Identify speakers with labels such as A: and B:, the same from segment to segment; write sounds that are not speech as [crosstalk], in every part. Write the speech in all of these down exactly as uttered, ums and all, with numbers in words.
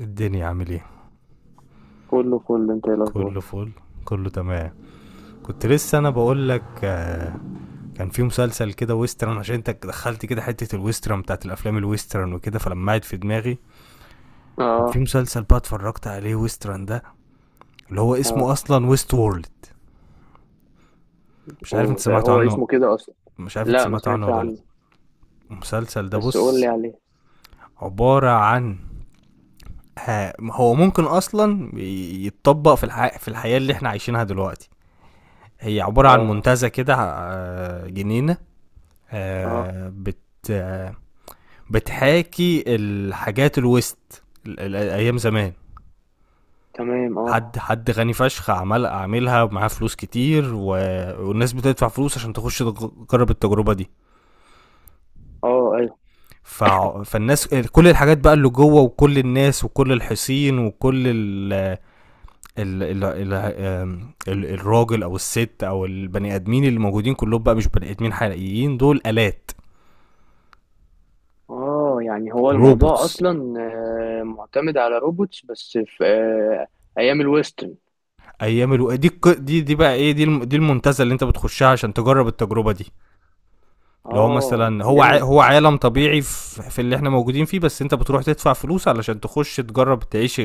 A: الدنيا عامل ايه؟
B: كله فل. انت ايه الاخبار؟
A: كله فل. كله تمام. كنت لسه انا بقول لك، آه، كان في مسلسل كده ويسترن، عشان انت دخلت كده حته الويسترن بتاعت الافلام الويسترن وكده، فلما قعد في دماغي كان في
B: اه.
A: مسلسل بقى اتفرجت عليه ويسترن ده، اللي هو اسمه
B: اه.
A: اصلا ويست وورلد. مش عارف انت
B: اوه، ده
A: سمعت
B: هو
A: عنه.
B: اسمه كده اصلا.
A: مش عارف انت
B: لا، ما
A: سمعت عنه
B: سمعتش
A: ولا لا.
B: عنه.
A: المسلسل ده
B: بس قول
A: بص،
B: لي عليه.
A: عباره عن آه، هو ممكن اصلا يتطبق في الح... في الحياه اللي احنا عايشينها دلوقتي. هي عباره عن
B: اه.
A: منتزه كده، آه، جنينه.
B: اه.
A: آه بت آه بتحاكي الحاجات الويست ال- ال- ايام زمان.
B: تمام. اه.
A: حد حد غني فشخ عمل عاملها، ومعاه فلوس كتير و... والناس بتدفع فلوس عشان تخش تجرب التجربه دي.
B: اه. ايوه.
A: ف... فالناس، كل الحاجات بقى اللي جوه، وكل الناس وكل الحصين وكل ال... ال... ال... ال... ال... الراجل او الست او البني ادمين اللي موجودين كلهم بقى مش بني ادمين حقيقيين، دول الات.
B: اه، يعني هو الموضوع
A: روبوتس.
B: اصلا آه، معتمد على روبوتس بس في آه، ايام الويسترن.
A: ايام الو... دي الك- دي دي بقى ايه، دي الم- دي المنتزه اللي انت بتخشها عشان تجرب التجربه دي. لو هو
B: اه،
A: مثلا هو ع... هو
B: فهمت.
A: عالم طبيعي في... في اللي احنا موجودين فيه، بس انت بتروح تدفع فلوس علشان تخش تجرب تعيش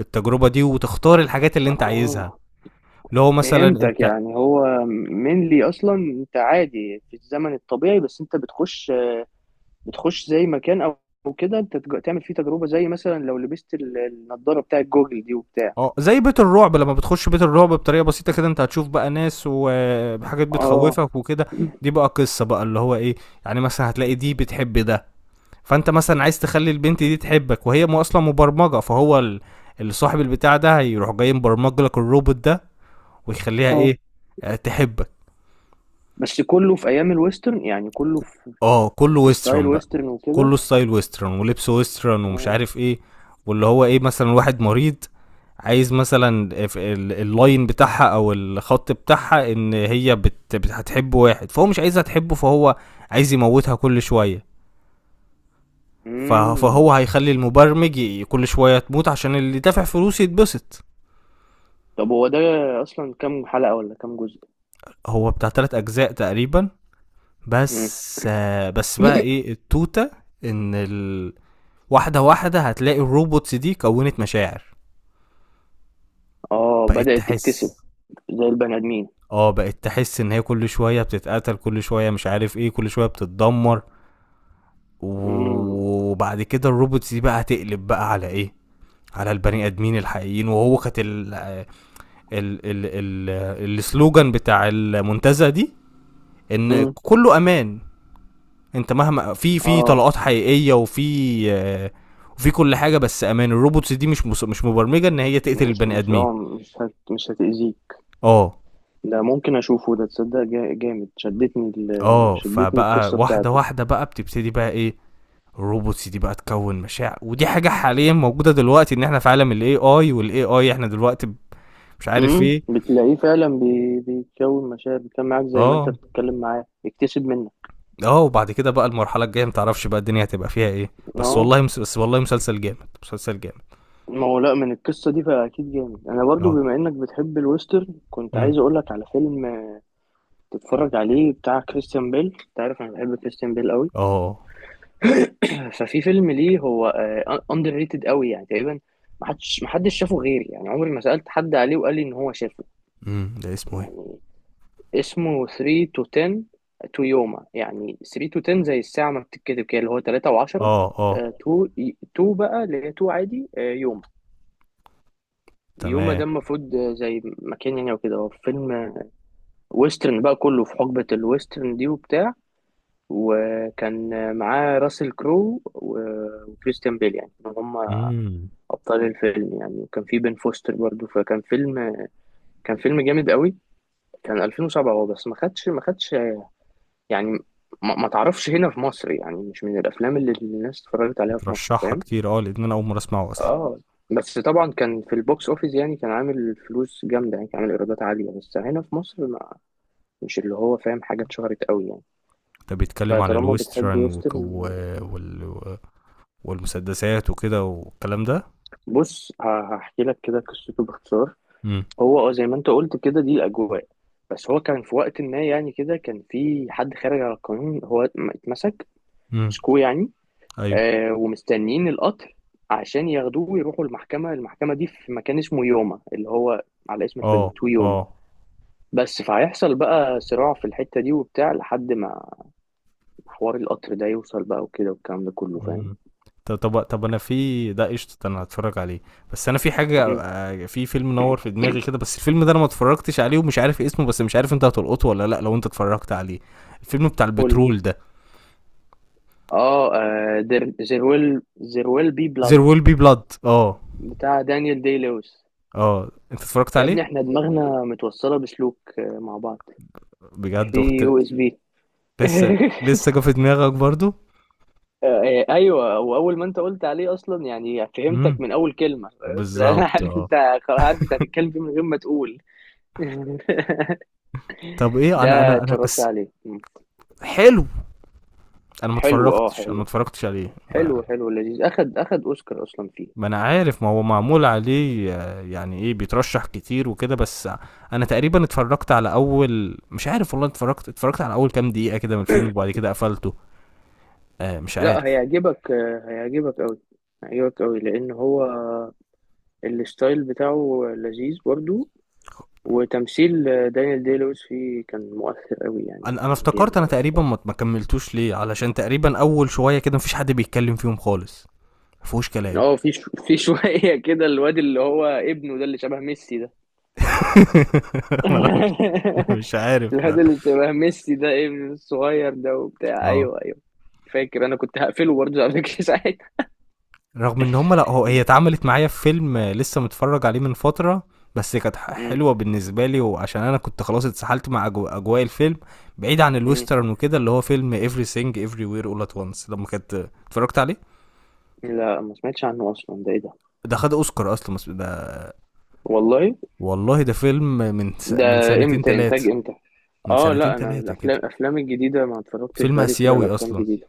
A: التجربه دي وتختار الحاجات اللي انت عايزها،
B: اه،
A: اللي هو مثلا
B: فهمتك،
A: انت.
B: يعني هو mainly اصلا انت عادي في الزمن الطبيعي، بس انت بتخش بتخش زي مكان، او أو كده انت تج- تعمل فيه تجربه، زي مثلا لو لبست ال- النضاره بتاعت جوجل دي وبتاع.
A: اه، زي بيت الرعب، لما بتخش بيت الرعب بطريقه بسيطه كده انت هتشوف بقى ناس وحاجات
B: اه.
A: بتخوفك وكده. دي بقى قصه بقى اللي هو ايه، يعني مثلا هتلاقي دي بتحب ده، فانت مثلا عايز تخلي البنت دي تحبك، وهي م- اصلا مبرمجه، فهو ال- اللي صاحب البتاع ده هيروح جاي مبرمج لك الروبوت ده ويخليها
B: اه،
A: ايه، آه، تحبك.
B: بس كله في ايام الويسترن، يعني كله
A: ك-
B: في,
A: اه كله
B: في ستايل
A: ويسترن بقى،
B: ويسترن وكده.
A: كله ستايل ويسترن ولبس ويسترن ومش
B: اه.
A: عارف ايه. واللي هو ايه، مثلا واحد مريض عايز مثلا ال- ال- اللاين بتاعها او الخط بتاعها، ان هي بت بت- هتحب واحد، فهو مش عايزها تحبه، فهو عايز يموتها كل شويه. فه-
B: امم.
A: فهو هيخلي المبرمج ي- كل شويه تموت عشان اللي دافع فلوس يتبسط.
B: طب هو ده اصلا كام حلقه ولا كام جزء؟
A: هو بتاع تلات اجزاء تقريبا،
B: امم.
A: بس آه، بس بقى ايه التوته، ان ال... واحده واحده هتلاقي الروبوتس دي كونت مشاعر.
B: اه،
A: بقت
B: بدأت تكتسب
A: تحس.
B: زي البني ادمين.
A: اه، بقت تحس ان هي كل شويه بتتقتل، كل شويه مش عارف ايه، كل شويه بتتدمر،
B: امم.
A: وبعد كده الروبوتس دي بقى هتقلب بقى على ايه، على البني ادمين الحقيقيين. وهو كانت ال- ال ال ال السلوجان بتاع المنتزه دي ان
B: امم.
A: كله امان، انت مهما في في
B: اه،
A: طلقات حقيقيه وفي آه، وفي كل حاجه، بس امان. الروبوتس دي مش مس- مش مبرمجه ان هي تقتل
B: مش
A: البني
B: مش
A: ادمين.
B: اه، مش هت مش هتأذيك.
A: اه.
B: ده ممكن اشوفه، ده تصدق جا- جامد، شدتني ال...
A: اه،
B: شدتني
A: فبقى
B: القصه
A: واحده
B: بتاعته.
A: واحده بقى بتبتدي بقى ايه، الروبوتس دي بقى تكون مشاعر. ودي حاجه حاليا موجوده دلوقتي، ان احنا في عالم الاي اي، والاي اي احنا دلوقتي مش عارف
B: امم،
A: ايه.
B: بتلاقيه فعلا بي- بيتكون مشاعر، بيتكلم معاك زي ما انت
A: اه.
B: بتتكلم معاه، بيكتسب منك.
A: اه، وبعد كده بقى المرحله الجايه متعرفش بقى الدنيا هتبقى فيها ايه.
B: ان
A: بس
B: هو،
A: والله مس... بس والله مسلسل جامد، مسلسل جامد.
B: ما هو لا، من القصه دي فاكيد جامد. انا برضو
A: اه.
B: بما انك بتحب الويسترن كنت
A: امم.
B: عايز اقول لك على فيلم تتفرج عليه، بتاع كريستيان بيل. انت عارف انا بحب كريستيان بيل قوي.
A: اه.
B: ففي فيلم ليه، هو اندر ريتد قوي، يعني تقريبا ما حدش ما حدش شافه غيري، يعني عمري ما سالت حد عليه وقال لي ان هو شافه،
A: امم. ده اسمه ايه؟
B: يعني. اسمه ثلاثة to عشرة to يوما، يعني ثلاثة to عشرة زي الساعة ما بتتكتب كده، اللي هو ثلاثة و10.
A: اه. اه.
B: تو تو بقى، اللي هي تو عادي آه، يوما. يوما ده
A: تمام.
B: المفروض آه، زي مكان يعني وكده. هو فيلم آه، ويسترن بقى، كله في حقبة الويسترن دي وبتاع. وكان آه، معاه راسل كرو و- وكريستيان بيل، يعني هم
A: امم.
B: أبطال الفيلم يعني. وكان في بن فوستر برضو. فكان فيلم كان فيلم جامد قوي. كان ألفين وسبعة هو، بس ما خدش ما خدش يعني، ما, ما تعرفش هنا في مصر، يعني مش من الافلام اللي الناس اتفرجت عليها في مصر،
A: بترشحها
B: فاهم.
A: كتير، اه، لان انا اول مره اسمعه اصلا.
B: اه، بس طبعا كان في البوكس اوفيس، يعني كان عامل فلوس جامده، يعني كان عامل ايرادات عاليه، بس هنا في مصر ما مش اللي هو فاهم، حاجه اتشهرت قوي يعني.
A: ده بيتكلم عن
B: فطالما بتحب
A: الويسترن و... و...
B: ويسترن،
A: وال... والمسدسات وكده والكلام ده.
B: بص، ه- هحكي لك كده قصته باختصار.
A: امم.
B: هو اه، زي ما انت قلت كده دي الاجواء. بس هو كان في وقت ما، يعني كده كان في حد خارج على القانون، هو اتمسك
A: امم.
B: مسكوه يعني،
A: ايوه.
B: آه، ومستنيين القطر عشان ياخدوه ويروحوا المحكمة المحكمة دي في مكان اسمه يوما، اللي هو على اسم الفيلم،
A: اه.
B: تو يوما.
A: اه.
B: بس فهيحصل بقى صراع في الحتة دي وبتاع لحد ما حوار القطر ده يوصل بقى، وكده والكلام ده كله، فاهم.
A: مم. طب طب طب، انا في ده قشطه، انا هتفرج عليه. بس انا في حاجه،
B: مم.
A: آه، في فيلم نور في دماغي كده، بس الفيلم ده انا ما اتفرجتش عليه ومش عارف اسمه، بس مش عارف انت هتلقطه ولا لا لو انت اتفرجت عليه. الفيلم بتاع
B: قول لي.
A: البترول ده.
B: اه، ذير ويل ذير ويل بي بلاد
A: There will be blood. اه.
B: بتاع دانيال دي لويس.
A: اه، انت اتفرجت
B: يا
A: عليه؟
B: ابني، احنا دماغنا متوصلة بسلوك آه، مع بعض في
A: بجد اخت!
B: يو اس بي.
A: لسه
B: [laughs]
A: لسه جه في دماغك برضو.
B: آه، آه، ايوه، واول ما انت قلت عليه اصلا يعني فهمتك
A: امم.
B: من اول كلمه، فاهم؟ [laughs] لأن انا
A: بالظبط،
B: عارف
A: اه.
B: انت، خلاص عارف
A: [laughs]
B: انت هتتكلم فيه من غير ما تقول. [laughs]
A: طب ايه،
B: ده
A: انا انا انا
B: اتفرجت
A: بس.
B: عليه. مم.
A: حلو. انا ما
B: حلو. اه،
A: اتفرجتش انا ما
B: حلو.
A: اتفرجتش عليه. ما
B: حلو حلو لذيذ، اخد اخد اوسكار اصلا فيه.
A: ما انا عارف ما هو معمول عليه، آه، يعني ايه، بيترشح كتير وكده، بس انا تقريبا اتفرجت على اول مش عارف والله، اتفرجت اتفرجت على اول كام دقيقة كده من الفيلم، وبعد كده قفلته. آه، مش
B: لا،
A: عارف.
B: هيعجبك، آه، هيعجبك قوي. هيعجبك قوي لان هو الستايل بتاعه لذيذ برضو. وتمثيل آه، دانيال دي لويس فيه كان مؤثر قوي، يعني
A: انا انا
B: كان
A: افتكرت
B: جامد
A: انا
B: قوي
A: تقريبا
B: بصراحه.
A: ما ما كملتوش ليه، علشان تقريبا اول شوية كده مفيش حد بيتكلم فيهم خالص، مفيهوش كلام.
B: اه، في شو- في [laughs] شويه كده الواد اللي هو ابنه ده اللي شبه ميسي ده.
A: [laughs] انا مش أنا
B: [laughs]
A: مش عارف.
B: الواد اللي شبه ميسي ده، ابن الصغير ده وبتاع،
A: اه.
B: ايوه ايوه. فاكر انا كنت هقفله برضه قبل كده، [laughs] ساعتها.
A: رغم ان هم لا هو هي اتعملت معايا في فيلم لسه متفرج عليه من فترة، بس كانت ح-
B: مم.
A: حلوة بالنسبة لي، وعشان انا كنت خلاص اتسحلت مع أجو- اجواء الفيلم بعيد عن
B: مم.
A: الويسترن وكده، اللي هو فيلم everything everywhere all at once لما كنت اتفرجت عليه.
B: لا، ما سمعتش عنه اصلا، ده ايه ده؟
A: ده خد اوسكار اصلا بس ده.
B: والله.
A: والله. ده فيلم من س...
B: ده
A: من سنتين
B: امتى، انتاج
A: تلاتة.
B: امتى؟
A: من
B: اه
A: سنتين
B: لا، انا
A: تلاتة كده.
B: الافلام الافلام الجديده ما اتفرجتش،
A: فيلم
B: بقالي كتير على
A: اسيوي
B: افلام
A: اصلا.
B: جديده.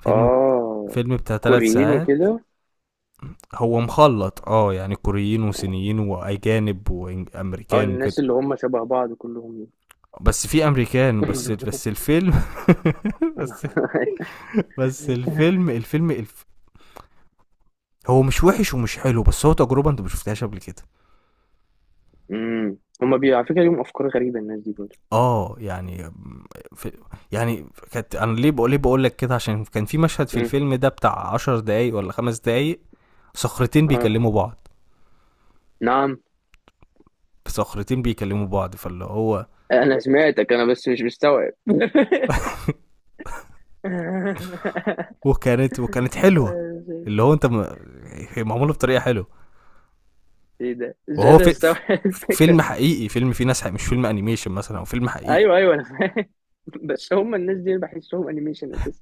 A: فيلم
B: اه،
A: فيلم بتاع تلات
B: كوريين
A: ساعات
B: وكده.
A: هو مخلط، اه، يعني كوريين وصينيين واجانب
B: اه،
A: وامريكان وكده.
B: الناس اللي هم شبه بعض كلهم.
A: بس في امريكان، بس
B: [laughs]
A: بس الفيلم. [laughs] بس بس الفيلم، الفيلم الف... هو مش وحش ومش حلو، بس هو تجربه انت ما شفتهاش قبل كده.
B: امم، هم بي، على فكره ليهم افكار غريبه الناس دي برضه.
A: اه، يعني في، يعني كانت، انا ليه بقول، ليه بقول لك كده عشان كان في مشهد في
B: امم.
A: الفيلم ده بتاع عشر دقايق ولا خمس دقايق، صخرتين
B: اه.
A: بيكلموا بعض.
B: نعم،
A: صخرتين بيكلموا بعض، فاللي هو.
B: انا سمعتك انا، بس مش مستوعب. [laughs]
A: [laughs] وكانت وكانت حلوه، اللي هو انت م... هي معموله بطريقه حلوه.
B: ايه ده، مش
A: وهو
B: قادر
A: في...
B: استوعب الفكره.
A: فيلم حقيقي، فيلم فيه ناس حقيقي، مش فيلم انيميشن مثلا، او فيلم حقيقي.
B: ايوه ايوه، انا فاهم، بس هم الناس دي أنا بحسهم انيميشن اساسا.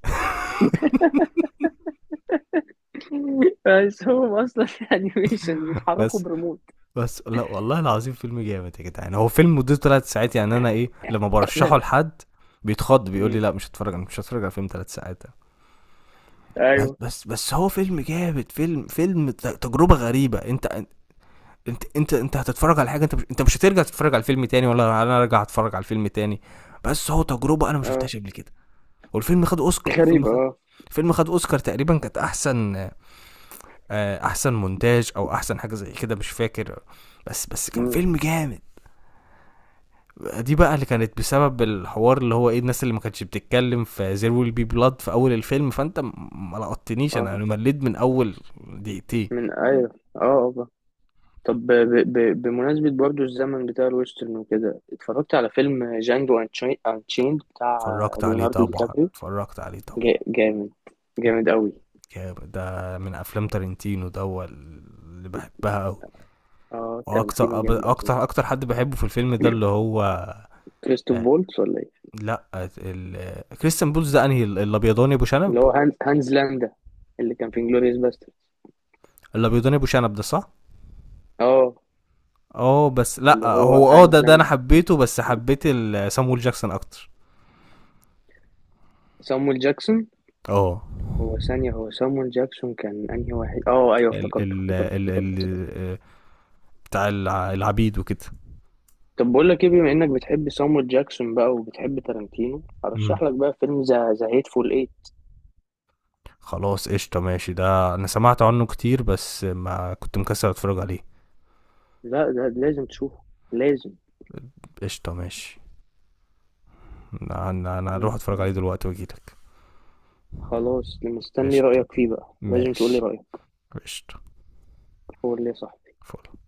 B: [laughs] بس هم اصلا انيميشن بيتحركوا
A: بس
B: بريموت.
A: بس لا والله العظيم فيلم جامد يا جدعان. هو فيلم مدته ثلاث ساعات، يعني انا ايه لما برشحه
B: [laughs]
A: لحد بيتخض، بيقول لي
B: مم.
A: لا، مش هتفرج انا مش هتفرج على فيلم ثلاث ساعات ده. بس
B: ايوه.
A: بس بس هو فيلم جامد، فيلم فيلم ت- تجربة غريبة. انت انت انت انت هتتفرج على حاجة، انت مش انت مش هترجع تتفرج على الفيلم تاني، ولا انا ارجع اتفرج على الفيلم تاني، بس هو تجربة انا ما
B: اه،
A: شفتهاش قبل كده. والفيلم خد اوسكار. الفيلم
B: غريبة.
A: خد
B: اه.
A: الفيلم خد اوسكار تقريبا، كانت احسن، آه، احسن مونتاج او احسن حاجة زي كده مش فاكر. بس بس كان
B: مم.
A: فيلم جامد. دي بقى اللي كانت بسبب الحوار، اللي هو ايه، الناس اللي ما كانتش بتتكلم في زير ويل بي بلاد في اول الفيلم، فانت م- ما لقطتنيش،
B: اه.
A: انا انا مليت من اول دقيقتين.
B: من، ايوه، اه، آه. طب ب... ب... بمناسبة برضو الزمن بتاع الويسترن وكده اتفرجت على فيلم جانجو انشيند بتاع
A: اتفرجت عليه
B: ليوناردو دي
A: طبعا.
B: كابريو.
A: اتفرجت عليه طبعا.
B: جا- جامد، جامد قوي.
A: جامد. ده من افلام تارنتينو، ده هو اللي بحبها قوي.
B: اه، تارانتينو
A: واكتر
B: جامد قوي.
A: اكتر اكتر حد بحبه في الفيلم ده اللي هو،
B: كريستوف
A: آه،
B: فولتس ولا ايه؟
A: لا، ال... كريستيان بولز ده، انهي الابيضاني ابو شنب؟
B: اللي هو هانز هانز لاندا، اللي كان في انجلوريوس باستر.
A: الابيضاني ابو شنب ده صح.
B: اه،
A: اه، بس لا
B: اللي هو
A: هو اه،
B: هانز
A: ده ده انا
B: لاندا.
A: حبيته بس حبيت ال- سامويل جاكسون اكتر.
B: سامويل جاكسون.
A: اه،
B: هو ثانية هو سامويل جاكسون كان انهي واحد؟ اه، ايوه
A: ال
B: افتكرته
A: ال
B: افتكرته
A: ال
B: افتكرته افتكرته.
A: ال بتاع الع- العبيد وكده.
B: طب بقول لك ايه، بما انك بتحب سامويل جاكسون بقى وبتحب تارانتينو،
A: امم.
B: ارشح لك بقى فيلم ذا ذا هيتفول ايه.
A: خلاص قشطه، ماشي، ده انا سمعت عنه كتير بس ما كنت مكسل اتفرج عليه.
B: لا، ده لازم تشوفه، لازم.
A: قشطه، ماشي. انا انا أنا
B: لازم
A: هروح
B: تتفرج
A: اتفرج عليه
B: عليه.
A: دلوقتي واجيلك.
B: خلاص مستني
A: قشطه.
B: رأيك فيه بقى، لازم تقولي
A: ماشي.
B: رأيك.
A: قشطه.
B: قول لي يا صاحبي.
A: فل.